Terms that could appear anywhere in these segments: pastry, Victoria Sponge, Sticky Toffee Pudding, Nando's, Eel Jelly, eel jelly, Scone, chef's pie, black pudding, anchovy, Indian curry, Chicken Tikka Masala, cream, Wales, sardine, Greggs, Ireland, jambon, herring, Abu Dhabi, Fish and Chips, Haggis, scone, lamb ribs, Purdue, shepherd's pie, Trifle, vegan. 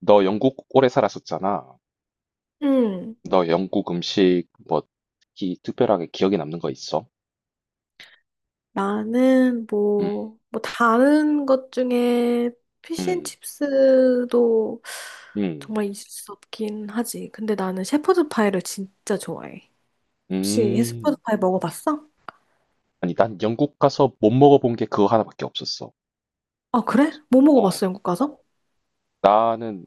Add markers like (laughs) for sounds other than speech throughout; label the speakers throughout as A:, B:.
A: 너 영국 오래 살았었잖아.
B: 응,
A: 너 영국 음식 뭐 특히 특별하게 기억에 남는 거 있어?
B: 나는
A: 음,
B: 뭐 다른 것 중에
A: 음,
B: 피쉬앤칩스도
A: 음,
B: 정말 있을 수 없긴 하지. 근데 나는 shepherd's pie를 진짜 좋아해. 혹시 shepherd's
A: 음.
B: pie 먹어봤어?
A: 아니, 난 영국 가서 못 먹어본 게 그거 하나밖에 없었어.
B: 아, 그래?
A: 맞아.
B: 뭐
A: 어,
B: 먹어봤어, 영국 가서?
A: 나는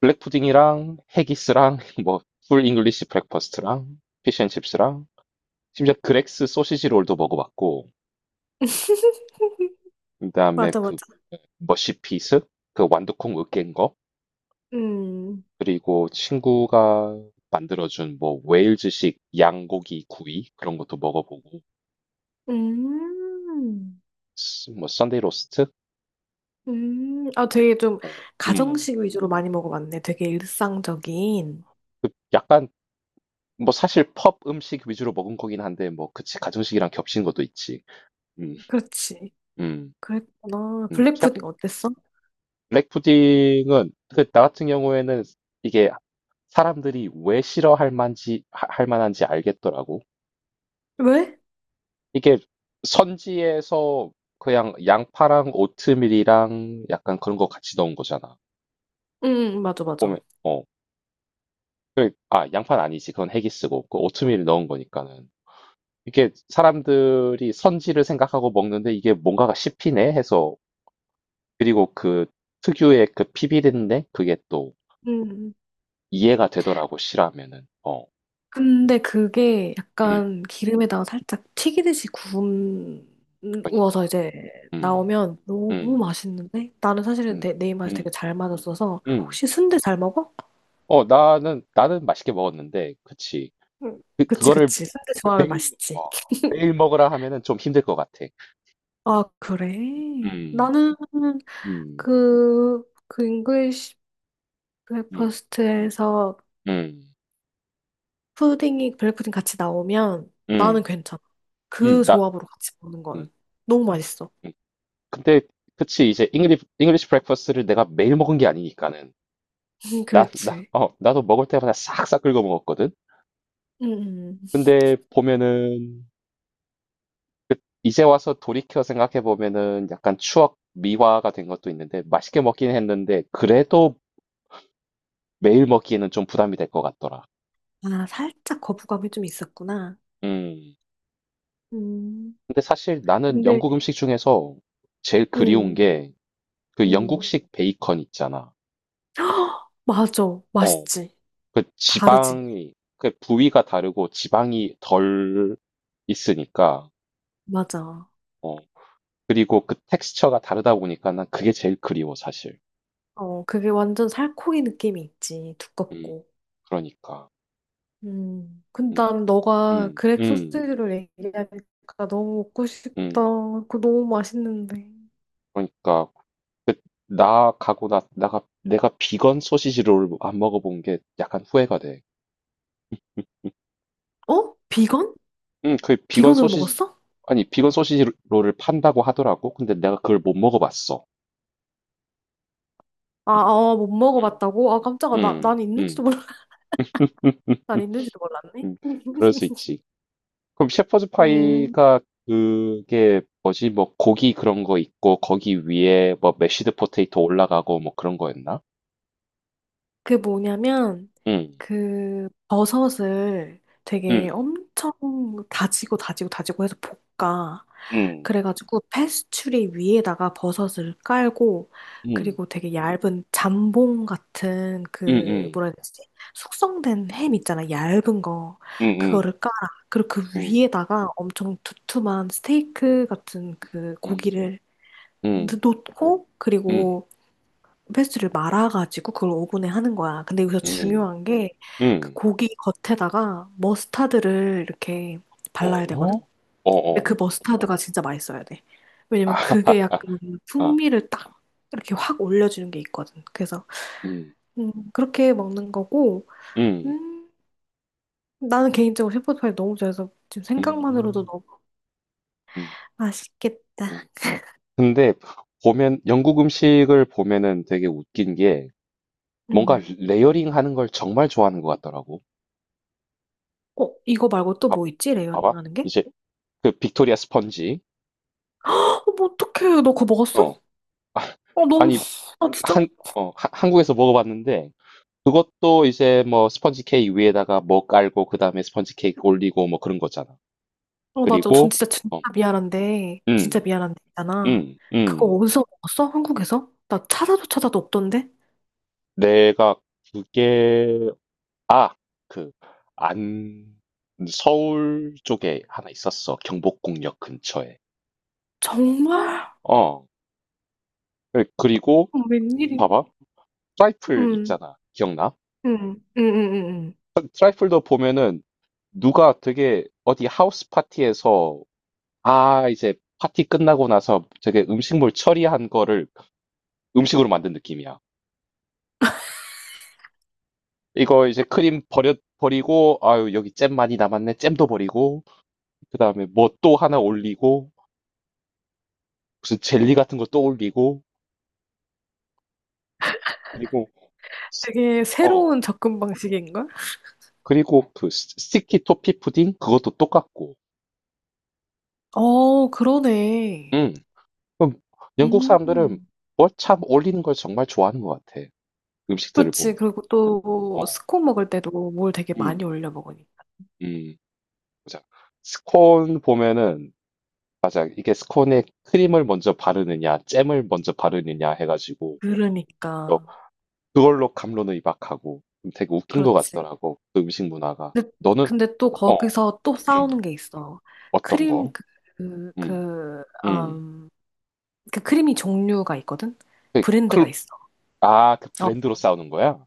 A: 블랙 푸딩이랑 해기스랑 (laughs) 뭐 풀 잉글리시 브렉퍼스트랑 피쉬앤칩스랑 심지어 그렉스 소시지 롤도 먹어봤고,
B: (laughs)
A: 그다음에
B: 맞아,
A: 그
B: 맞아.
A: 머시피스, 그 완두콩 으깬,
B: 음,
A: 그리고 친구가 만들어준 뭐 웨일즈식 양고기 구이 그런 것도 먹어보고
B: 음,
A: 뭐 썬데이 로스트?
B: 아, 되게 좀
A: 어, 음.
B: 가정식 위주로 많이 먹어봤네. 되게 일상적인.
A: 그 약간 뭐 사실 펍 음식 위주로 먹은 거긴 한데 뭐 그치 가정식이랑 겹친 것도 있지. 음,
B: 그렇지.
A: 음,
B: 그랬구나.
A: 셰프
B: 블랙푸딩 어땠어?
A: 블랙 푸딩은 그 나 같은 경우에는 이게 사람들이 왜 싫어할 할 만한지 알겠더라고.
B: 왜?
A: 이게 선지에서 그냥 양파랑 오트밀이랑 약간 그런 거 같이 넣은 거잖아.
B: 응, 응, 맞아,
A: 보면
B: 맞아.
A: 어. 그래, 아, 양파는 아니지. 그건 헤기스고. 그 오트밀 넣은 거니까는. 이게 사람들이 선지를 생각하고 먹는데 이게 뭔가가 씹히네 해서, 그리고 그 특유의 그 피비린내 그게 또
B: 음.
A: 이해가 되더라고, 싫어하면은. 어.
B: 근데 그게
A: 음.
B: 약간 기름에다가 살짝 튀기듯이 구워서
A: 그러니까.
B: 이제
A: 음.
B: 나오면 너무
A: 음.
B: 맛있는데 나는 사실은
A: 음.
B: 내 입맛이 되게
A: 음.
B: 잘 맞았어서
A: 음.
B: 혹시 순대 잘 먹어?
A: 어, 나는 맛있게 먹었는데. 그치.
B: 응. 그치
A: 그거를
B: 그치 순대 좋아하면
A: 매일
B: 맛있지.
A: 어 매일
B: (laughs)
A: 먹으라 하면은 좀 힘들 것 같아.
B: 아 그래?
A: 음.
B: 나는
A: 음.
B: 그그 잉글리시
A: 음.
B: 브레이퍼스트에서
A: 음.
B: 푸딩이 블랙푸딩 같이 나오면 나는
A: 음.
B: 괜찮아.
A: 음.
B: 그
A: 나
B: 조합으로 같이 먹는
A: 음.
B: 거는 너무 맛있어.
A: 음. 근데 그치 이제 잉글리시 브렉퍼스트를 내가 매일 먹은 게 아니니까는.
B: (laughs)
A: 나 나
B: 그렇지.
A: 어 나도 먹을 때마다 싹싹 긁어 먹었거든.
B: 음, 음.
A: 근데 보면은 그 이제 와서 돌이켜 생각해 보면은 약간 추억 미화가 된 것도 있는데, 맛있게 먹긴 했는데 그래도 매일 먹기에는 좀 부담이 될 것 같더라.
B: 아, 살짝 거부감이 좀 있었구나.
A: 음.
B: 음,
A: 근데 사실 나는
B: 근데
A: 영국 음식 중에서 제일 그리운
B: 음,
A: 게 그
B: 음.
A: 영국식 베이컨 있잖아.
B: (gasps) 맞아.
A: 어,
B: 맛있지.
A: 그
B: 다르지.
A: 지방이, 그 부위가 다르고 지방이 덜 있으니까,
B: 맞아.
A: 어, 그리고 그 텍스처가 다르다 보니까 난 그게 제일 그리워, 사실.
B: 어, 그게 완전 살코기 느낌이 있지.
A: 음,
B: 두껍고.
A: 그러니까.
B: 음. 근데
A: 음,
B: 난 너가
A: 음,
B: 그렉
A: 음,
B: 소시지를 얘기하니까 너무 먹고 싶다.
A: 음.
B: 그거 너무 맛있는데.
A: 그러니까. 그, 나 가고 나, 나가, 내가 비건 소시지 롤안 먹어본 게 약간 후회가 돼.
B: 어? 비건?
A: 그 비건
B: 비건으로
A: 소시지,
B: 먹었어?
A: 아니 비건 소시지 롤을 판다고 하더라고. 근데 내가 그걸 못 먹어봤어.
B: 아,
A: 음,
B: 아, 못 먹어봤다고? 아, 깜짝아. 나,
A: 음,
B: 난
A: 음, 음.
B: 있는지도 몰라. (laughs) 난
A: (laughs)
B: 있는지도 몰랐네.
A: 음, 그럴 수
B: (laughs)
A: 있지. 그럼 셰퍼드
B: 음.
A: 파이가 그게 뭐지? 뭐 고기 그런 거 있고 거기 위에 뭐 메쉬드 포테이토 올라가고 뭐 그런 거였나?
B: 그 뭐냐면
A: 음,
B: 그 버섯을 되게
A: 음,
B: 엄청 다지고 다지고 다지고 해서 볶아.
A: 음,
B: 그래가지고 패스츄리 위에다가 버섯을 깔고
A: 음,
B: 그리고 되게 얇은 잠봉 같은
A: 음,
B: 그
A: 음,
B: 뭐라 해야 되지? 숙성된 햄 있잖아. 얇은 거.
A: 음,
B: 그거를 깔아. 그리고 그
A: 음,
B: 위에다가 엄청 두툼한 스테이크 같은 그
A: 음,
B: 고기를
A: 음,
B: 놓고 그리고 페스트를 말아가지고 그걸 오븐에 하는 거야. 근데 여기서
A: 음, 음,
B: 중요한 게 그
A: 음.
B: 고기 겉에다가 머스타드를 이렇게 발라야
A: 어?
B: 되거든.
A: 어,
B: 근데
A: 어.
B: 그 머스타드가 진짜 맛있어야 돼.
A: 아,
B: 왜냐면 그게 약간
A: (laughs) 아,
B: 풍미를 딱 이렇게 확 올려주는 게 있거든. 그래서
A: 음,
B: 그렇게 먹는 거고
A: 음,
B: 음, 나는 개인적으로 셰프파이 너무 좋아해서 지금 생각만으로도
A: 음.
B: 너무
A: 음.
B: 맛있겠다.
A: 음. 근데 보면 영국 음식을 보면은 되게 웃긴 게 뭔가
B: 음.
A: 레이어링 하는 걸 정말 좋아하는 것 같더라고.
B: 어, 이거 말고 또
A: 봐,
B: 뭐 있지? 레이어링
A: 봐봐.
B: 하는 게?
A: 이제 그 빅토리아 스펀지.
B: 어, 뭐 어떡해. 너 그거 먹었어?
A: 어.
B: 어,
A: 아,
B: 너무,
A: 니
B: 아, 진짜?
A: 한, 한국에서 먹어봤는데 그것도 이제 뭐 스펀지 케이크 위에다가 뭐 깔고 그다음에 스펀지 케이크 올리고 뭐 그런 거잖아.
B: 어, 맞아. 전
A: 그리고
B: 진짜 진짜
A: 어,
B: 미안한데, 진짜
A: 음,
B: 미안한데 있잖아.
A: 음,
B: 그거
A: 음.
B: 어디서 먹었어? 한국에서? 나 찾아도 찾아도 없던데?
A: 내가 그게 아 그 안 서울 쪽에 하나 있었어. 경복궁역 근처에.
B: 정말?
A: 어. 그리고
B: 어, 웬일이?
A: 봐봐. 트라이플
B: 응,
A: 있잖아. 기억나?
B: 응, 응, 응, 응. 응.
A: 트 트라이플도 보면은 누가 되게 어디 하우스 파티에서 아 이제 파티 끝나고 나서 되게 음식물 처리한 거를 음식으로 만든 느낌이야. 이거 이제 크림 버려 버리고 아유 여기 잼 많이 남았네. 잼도 버리고 그다음에 뭐 또 하나 올리고 무슨 젤리 같은 거 또 올리고 그리고
B: 되게
A: 어. 어.
B: 새로운 접근 방식인걸?
A: 그리고 그 스 스티키 토피 푸딩 그것도 똑같고.
B: 어, 그러네.
A: 음. 그럼 영국 사람들은
B: 음,
A: 뭘 참 올리는 걸 정말 좋아하는 것 같아. 음식들을
B: 그렇지.
A: 보면.
B: 그리고
A: 어.
B: 또 스콘 먹을 때도 뭘 되게 많이
A: 음.
B: 올려 먹으니까.
A: 음. 맞아. 스콘 보면은 맞아. 이게 스콘에 크림을 먼저 바르느냐 잼을 먼저 바르느냐 해 가지고 또
B: 그러니까.
A: 그걸로 감론을 이박하고 좀 되게 웃긴 것
B: 그렇지.
A: 같더라고. 그 음식 문화가.
B: 근데,
A: 너는
B: 근데 또
A: 어.
B: 거기서 또 싸우는
A: 음.
B: 게 있어.
A: 어떤
B: 크림
A: 거?
B: 그,
A: 음.
B: 그,
A: 음.
B: 음. 그 크림이 종류가 있거든?
A: 그
B: 브랜드가
A: 클
B: 있어.
A: 아 그
B: 어,
A: 브랜드로 싸우는 거야?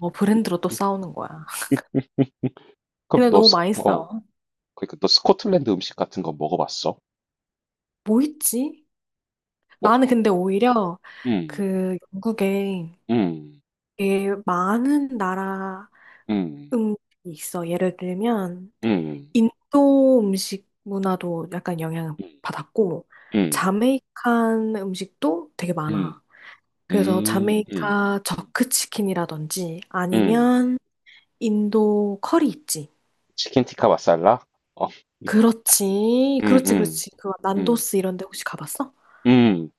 B: 어, 브랜드로 또
A: 음,
B: 싸우는 거야.
A: 음, 그럼
B: 근데
A: 너
B: 너무
A: 스
B: 많이
A: 어
B: 싸워.
A: 그러니까 너 스코틀랜드 음식 같은 거 먹어봤어?
B: 뭐 있지?
A: 어
B: 나는 근데 오히려
A: 음.
B: 그 영국에
A: 음.
B: 되게 많은 나라
A: 음.
B: 음식이 있어. 예를 들면
A: 음.
B: 인도 음식 문화도 약간 영향을
A: 음.
B: 받았고
A: 음.
B: 자메이칸 음식도 되게
A: 음.
B: 많아. 그래서
A: 음. 음.
B: 자메이카 저크 치킨이라든지
A: 음.
B: 아니면 인도 커리 있지.
A: 치킨 티카 마살라? 어.
B: 그렇지.
A: 음.
B: 그렇지,
A: 음.
B: 그렇지. 그
A: 음.
B: 난도스 이런 데 혹시 가봤어?
A: 음.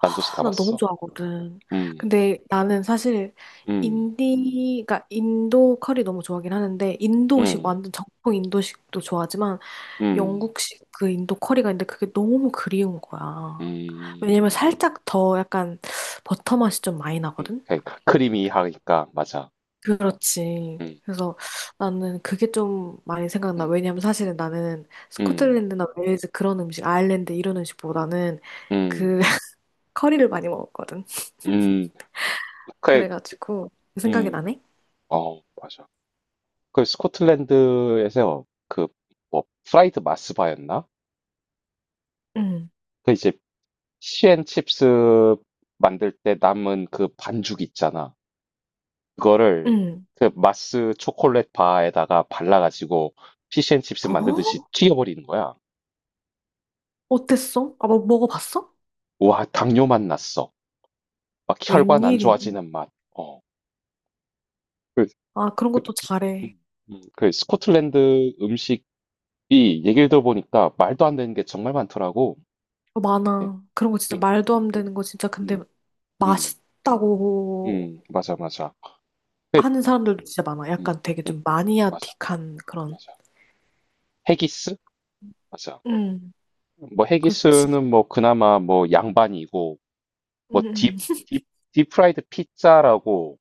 A: 난도스
B: 아, 난 너무
A: 가봤어.
B: 좋아하거든.
A: 음.
B: 근데 나는 사실
A: 음.
B: 인디, 가 인도 커리 너무 좋아하긴 하는데, 인도식,
A: 음.
B: 완전 정통 인도식도 좋아하지만,
A: 음.
B: 영국식 그 인도 커리가 있는데 그게 너무 그리운 거야.
A: 음.
B: 왜냐면 살짝 더 약간 버터 맛이 좀 많이
A: 음.
B: 나거든?
A: 그러니까 크리미하니까 맞아.
B: 그렇지.
A: 음.
B: 그래서 나는 그게 좀 많이 생각나.
A: 음.
B: 왜냐면 사실은 나는
A: 음.
B: 스코틀랜드나 웨일즈 그런 음식, 아일랜드 이런 음식보다는 그
A: 음.
B: (laughs) 커리를 많이 먹었거든.
A: 음. 그래.
B: 그래가지고 그 생각이
A: 음.
B: 나네?
A: 어, 맞아. 그 스코틀랜드에서 그 뭐 프라이드 마스바였나?
B: 응,
A: 그 이제 피앤칩스 만들 때 남은 그 반죽 있잖아. 그거를
B: 응.
A: 그 마스 초콜릿 바에다가 발라가지고 피시앤칩스 만들듯이
B: 어?
A: 튀겨버리는 거야.
B: 어땠어? 아, 뭐 먹어봤어?
A: 와, 당뇨 맛 났어. 막 혈관 안
B: 웬일이?
A: 좋아지는 맛. 어. 그,
B: 아, 그런
A: 그,
B: 것도 잘해.
A: 음, 그 스코틀랜드 음식이 얘기를 들어보니까 말도 안 되는 게 정말 많더라고.
B: 어,
A: 예.
B: 많아. 그런 거 진짜
A: 음,
B: 말도 안 되는 거 진짜 근데
A: 음, 음,
B: 맛있다고
A: 맞아, 맞아.
B: 하는 사람들도 진짜 많아.
A: 음,
B: 약간 되게
A: 음,
B: 좀
A: 맞아,
B: 마니아틱한 그런.
A: 맞아. 헤기스? 맞아.
B: 응,
A: 뭐
B: 그렇지.
A: 헤기스는 뭐 그나마 뭐 양반이고 뭐
B: 응.
A: 딥,
B: 응.
A: 딥, 딥프라이드 피자라고,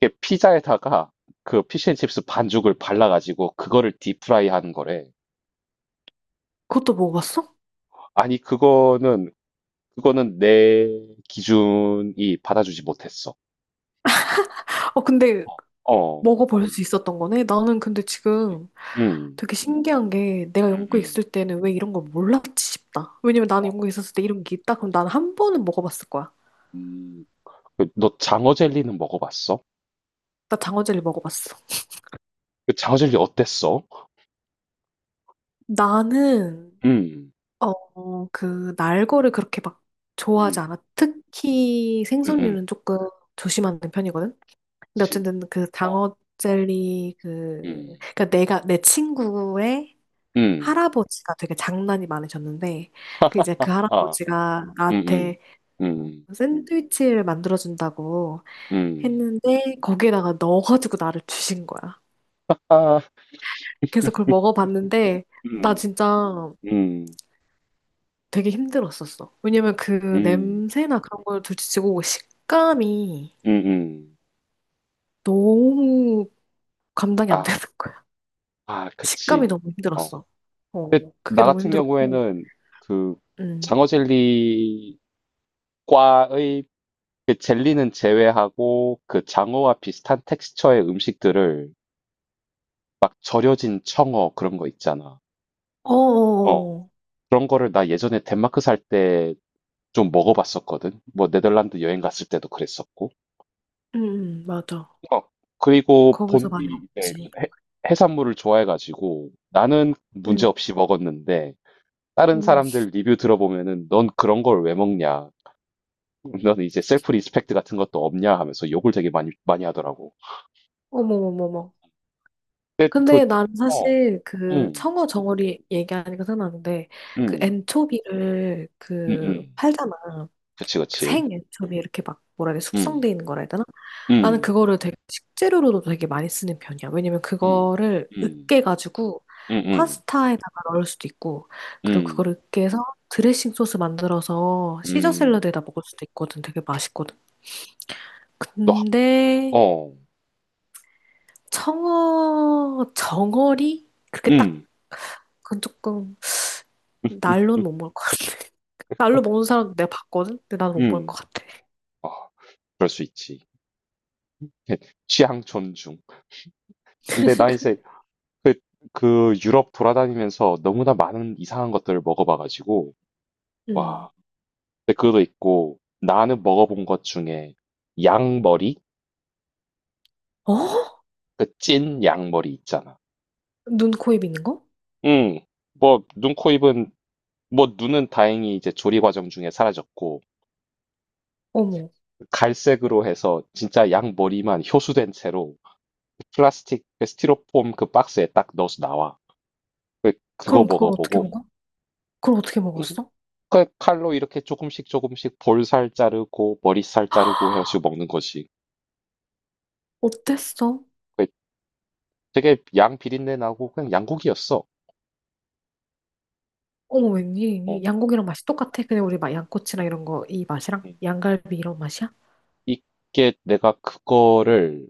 A: 이게 피자에다가 그 피쉬앤칩스 반죽을 발라가지고 그거를 딥프라이 하는 거래.
B: 그것도 먹어봤어?
A: 아니 그거는 내 기준이 받아주지 못했어.
B: 어, 근데
A: 어,
B: 먹어볼 수 있었던 거네? 나는 근데
A: 그치.
B: 지금
A: 음,
B: 되게 신기한 게 내가
A: 음,
B: 영국에
A: 음,
B: 있을 때는 왜 이런 걸 몰랐지 싶다. 왜냐면 나는 영국에 있었을 때 이런 게 있다? 그럼 나는 한 번은 먹어봤을 거야.
A: 음. 그, 너 장어 젤리는 먹어봤어?
B: 나 장어젤리 먹어봤어.
A: 그 장어 젤리 어땠어?
B: 나는,
A: 음,
B: 어, 그, 날거를 그렇게 막 좋아하지
A: 음,
B: 않아. 특히
A: 음, 음,
B: 생선류는 조금 조심하는 편이거든? 근데
A: 그치.
B: 어쨌든 그
A: 어.
B: 장어젤리 그,
A: 음.
B: 그니까 내가, 내 친구의
A: 음.
B: 할아버지가 되게 장난이 많으셨는데 그 이제 그
A: 아.
B: 할아버지가
A: 음음.
B: 나한테 뭐
A: 음.
B: 샌드위치를 만들어준다고
A: 음.
B: 했는데 거기에다가 넣어가지고 나를 주신 거야. 그래서 그걸 먹어봤는데 나
A: 음.
B: 진짜
A: 음.
B: 되게 힘들었었어. 왜냐면 그
A: 음.
B: 냄새나 그런 걸 둘째치고 식감이
A: 음음.
B: 너무 감당이 안
A: 아.
B: 되는 거야.
A: 아
B: 식감이
A: 그치.
B: 너무
A: 어.
B: 힘들었어.
A: 근데
B: 어, 그게
A: 나
B: 너무
A: 같은
B: 힘들었고,
A: 경우에는 그
B: 음.
A: 장어 젤리과의 그 젤리는 제외하고 그 장어와 비슷한 텍스처의 음식들을, 막 절여진 청어 그런 거 있잖아. 어.
B: 어어어,
A: 그런 거를 나 예전에 덴마크 살 때 좀 먹어 봤었거든. 뭐 네덜란드 여행 갔을 때도 그랬었고.
B: 맞아.
A: 어, 그리고
B: 거기서
A: 본디
B: 많이
A: 이제
B: 먹지.
A: 해, 해산물을 좋아해가지고 나는
B: 응,
A: 문제없이 먹었는데 다른
B: 응.
A: 사람들 리뷰 들어보면은 넌 그런 걸 왜 먹냐? 넌 이제 셀프 리스펙트 같은 것도 없냐 하면서 욕을 되게 많이 하더라고.
B: 어머머머머.
A: 근데 그
B: 근데 나는
A: 어,
B: 사실 그
A: 음,
B: 청어 정어리 얘기하니까 생각나는데 그
A: 음,
B: 엔초비를
A: 음,
B: 그
A: 음,
B: 팔잖아.
A: 그치,
B: 그
A: 그치,
B: 생 엔초비 이렇게 막 뭐라 해야 돼
A: 음,
B: 숙성돼 있는 거라 해야 되나? 나는
A: 음,
B: 그거를 되게 식재료로도 되게 많이 쓰는 편이야. 왜냐면
A: 음,
B: 그거를
A: 음,
B: 으깨가지고
A: 음, 음,
B: 파스타에다가 넣을 수도 있고 그리고 그걸
A: 음,
B: 으깨서 드레싱 소스 만들어서 시저
A: 음,
B: 샐러드에다 먹을 수도 있거든. 되게 맛있거든.
A: 너, 하-
B: 근데
A: 어,
B: 청어, 정어리? 그렇게
A: 음,
B: 딱, 그건 조금,
A: (laughs)
B: 날로는
A: 음,
B: 못 먹을 것 같아. (laughs) 날로 먹는 사람 내가 봤거든? 근데 나는 못 먹을 것
A: 음,
B: 같아.
A: 아, 그럴 수 있지. 예, 취향 존중. 근데 나 이제 그, 그 유럽 돌아다니면서 너무나 많은 이상한 것들을 먹어봐가지고,
B: 음.
A: 와. 근데 그것도 있고, 나는 먹어본 것 중에 양머리?
B: 어?
A: 그 찐 양머리 있잖아.
B: 눈, 코, 입 있는 거?
A: 응. 뭐, 눈, 코, 입은, 뭐, 눈은 다행히 이제 조리 과정 중에 사라졌고,
B: 어머.
A: 갈색으로 해서 진짜 양머리만 효수된 채로 플라스틱, 그 스티로폼 그 박스에 딱 넣어서 나와. 그거
B: 그럼 그걸 어떻게
A: 먹어보고,
B: 먹어? 그걸 어떻게
A: 음,
B: 먹었어?
A: 칼로 이렇게 조금씩 조금씩 볼살 자르고 머리살 자르고 해 가지고 먹는 거지.
B: 어땠어?
A: 그 되게 양 비린내 나고 그냥 양고기였어.
B: 어머,
A: 어.
B: 웬일이니? 양고기랑 맛이 똑같아? 그냥 우리 막 양꼬치랑 이런 거, 이 맛이랑?
A: 음.
B: 양갈비 이런 맛이야?
A: 이게 내가 그거를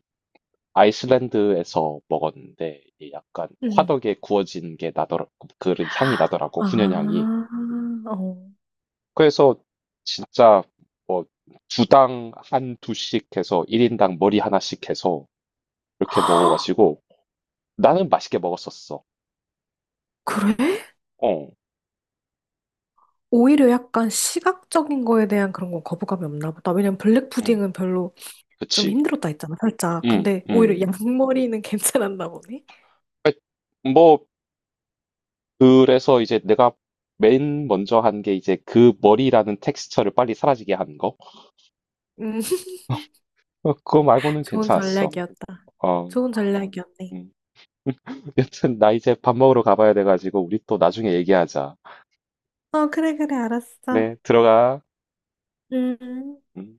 A: 아이슬란드에서 먹었는데 이게 약간
B: 음.
A: 화덕에 구워진 게 나더라, 그런 향이 나더라고. 훈연향이.
B: 아, 어.
A: 그래서 진짜 뭐 주당 한 두씩 해서 1인당 머리 하나씩 해서 이렇게 먹어 가지고 나는 맛있게 먹었었어.
B: 그래?
A: 어.
B: 오히려 약간 시각적인 거에 대한 그런 건 거부감이 없나 보다. 왜냐면
A: 음.
B: 블랙푸딩은 별로 좀
A: 그치.
B: 힘들었다 했잖아, 살짝.
A: 음.
B: 근데 오히려
A: 음.
B: 양머리는 (laughs) 괜찮았나 보네.
A: 그러니까 뭐 그래서 이제 내가 맨 먼저 한 게 이제 그 머리라는 텍스처를 빨리 사라지게 한 거.
B: 음,
A: 어 그거
B: (laughs)
A: 말고는
B: 좋은
A: 괜찮았어.
B: 전략이었다.
A: 어.
B: 좋은 전략이었네.
A: 음. (laughs) 여튼 나 이제 밥 먹으러 가 봐야 돼 가지고 우리 또 나중에 얘기하자.
B: 어, 그래, 그래, 알았어.
A: 그래 들어가.
B: 음.
A: 음.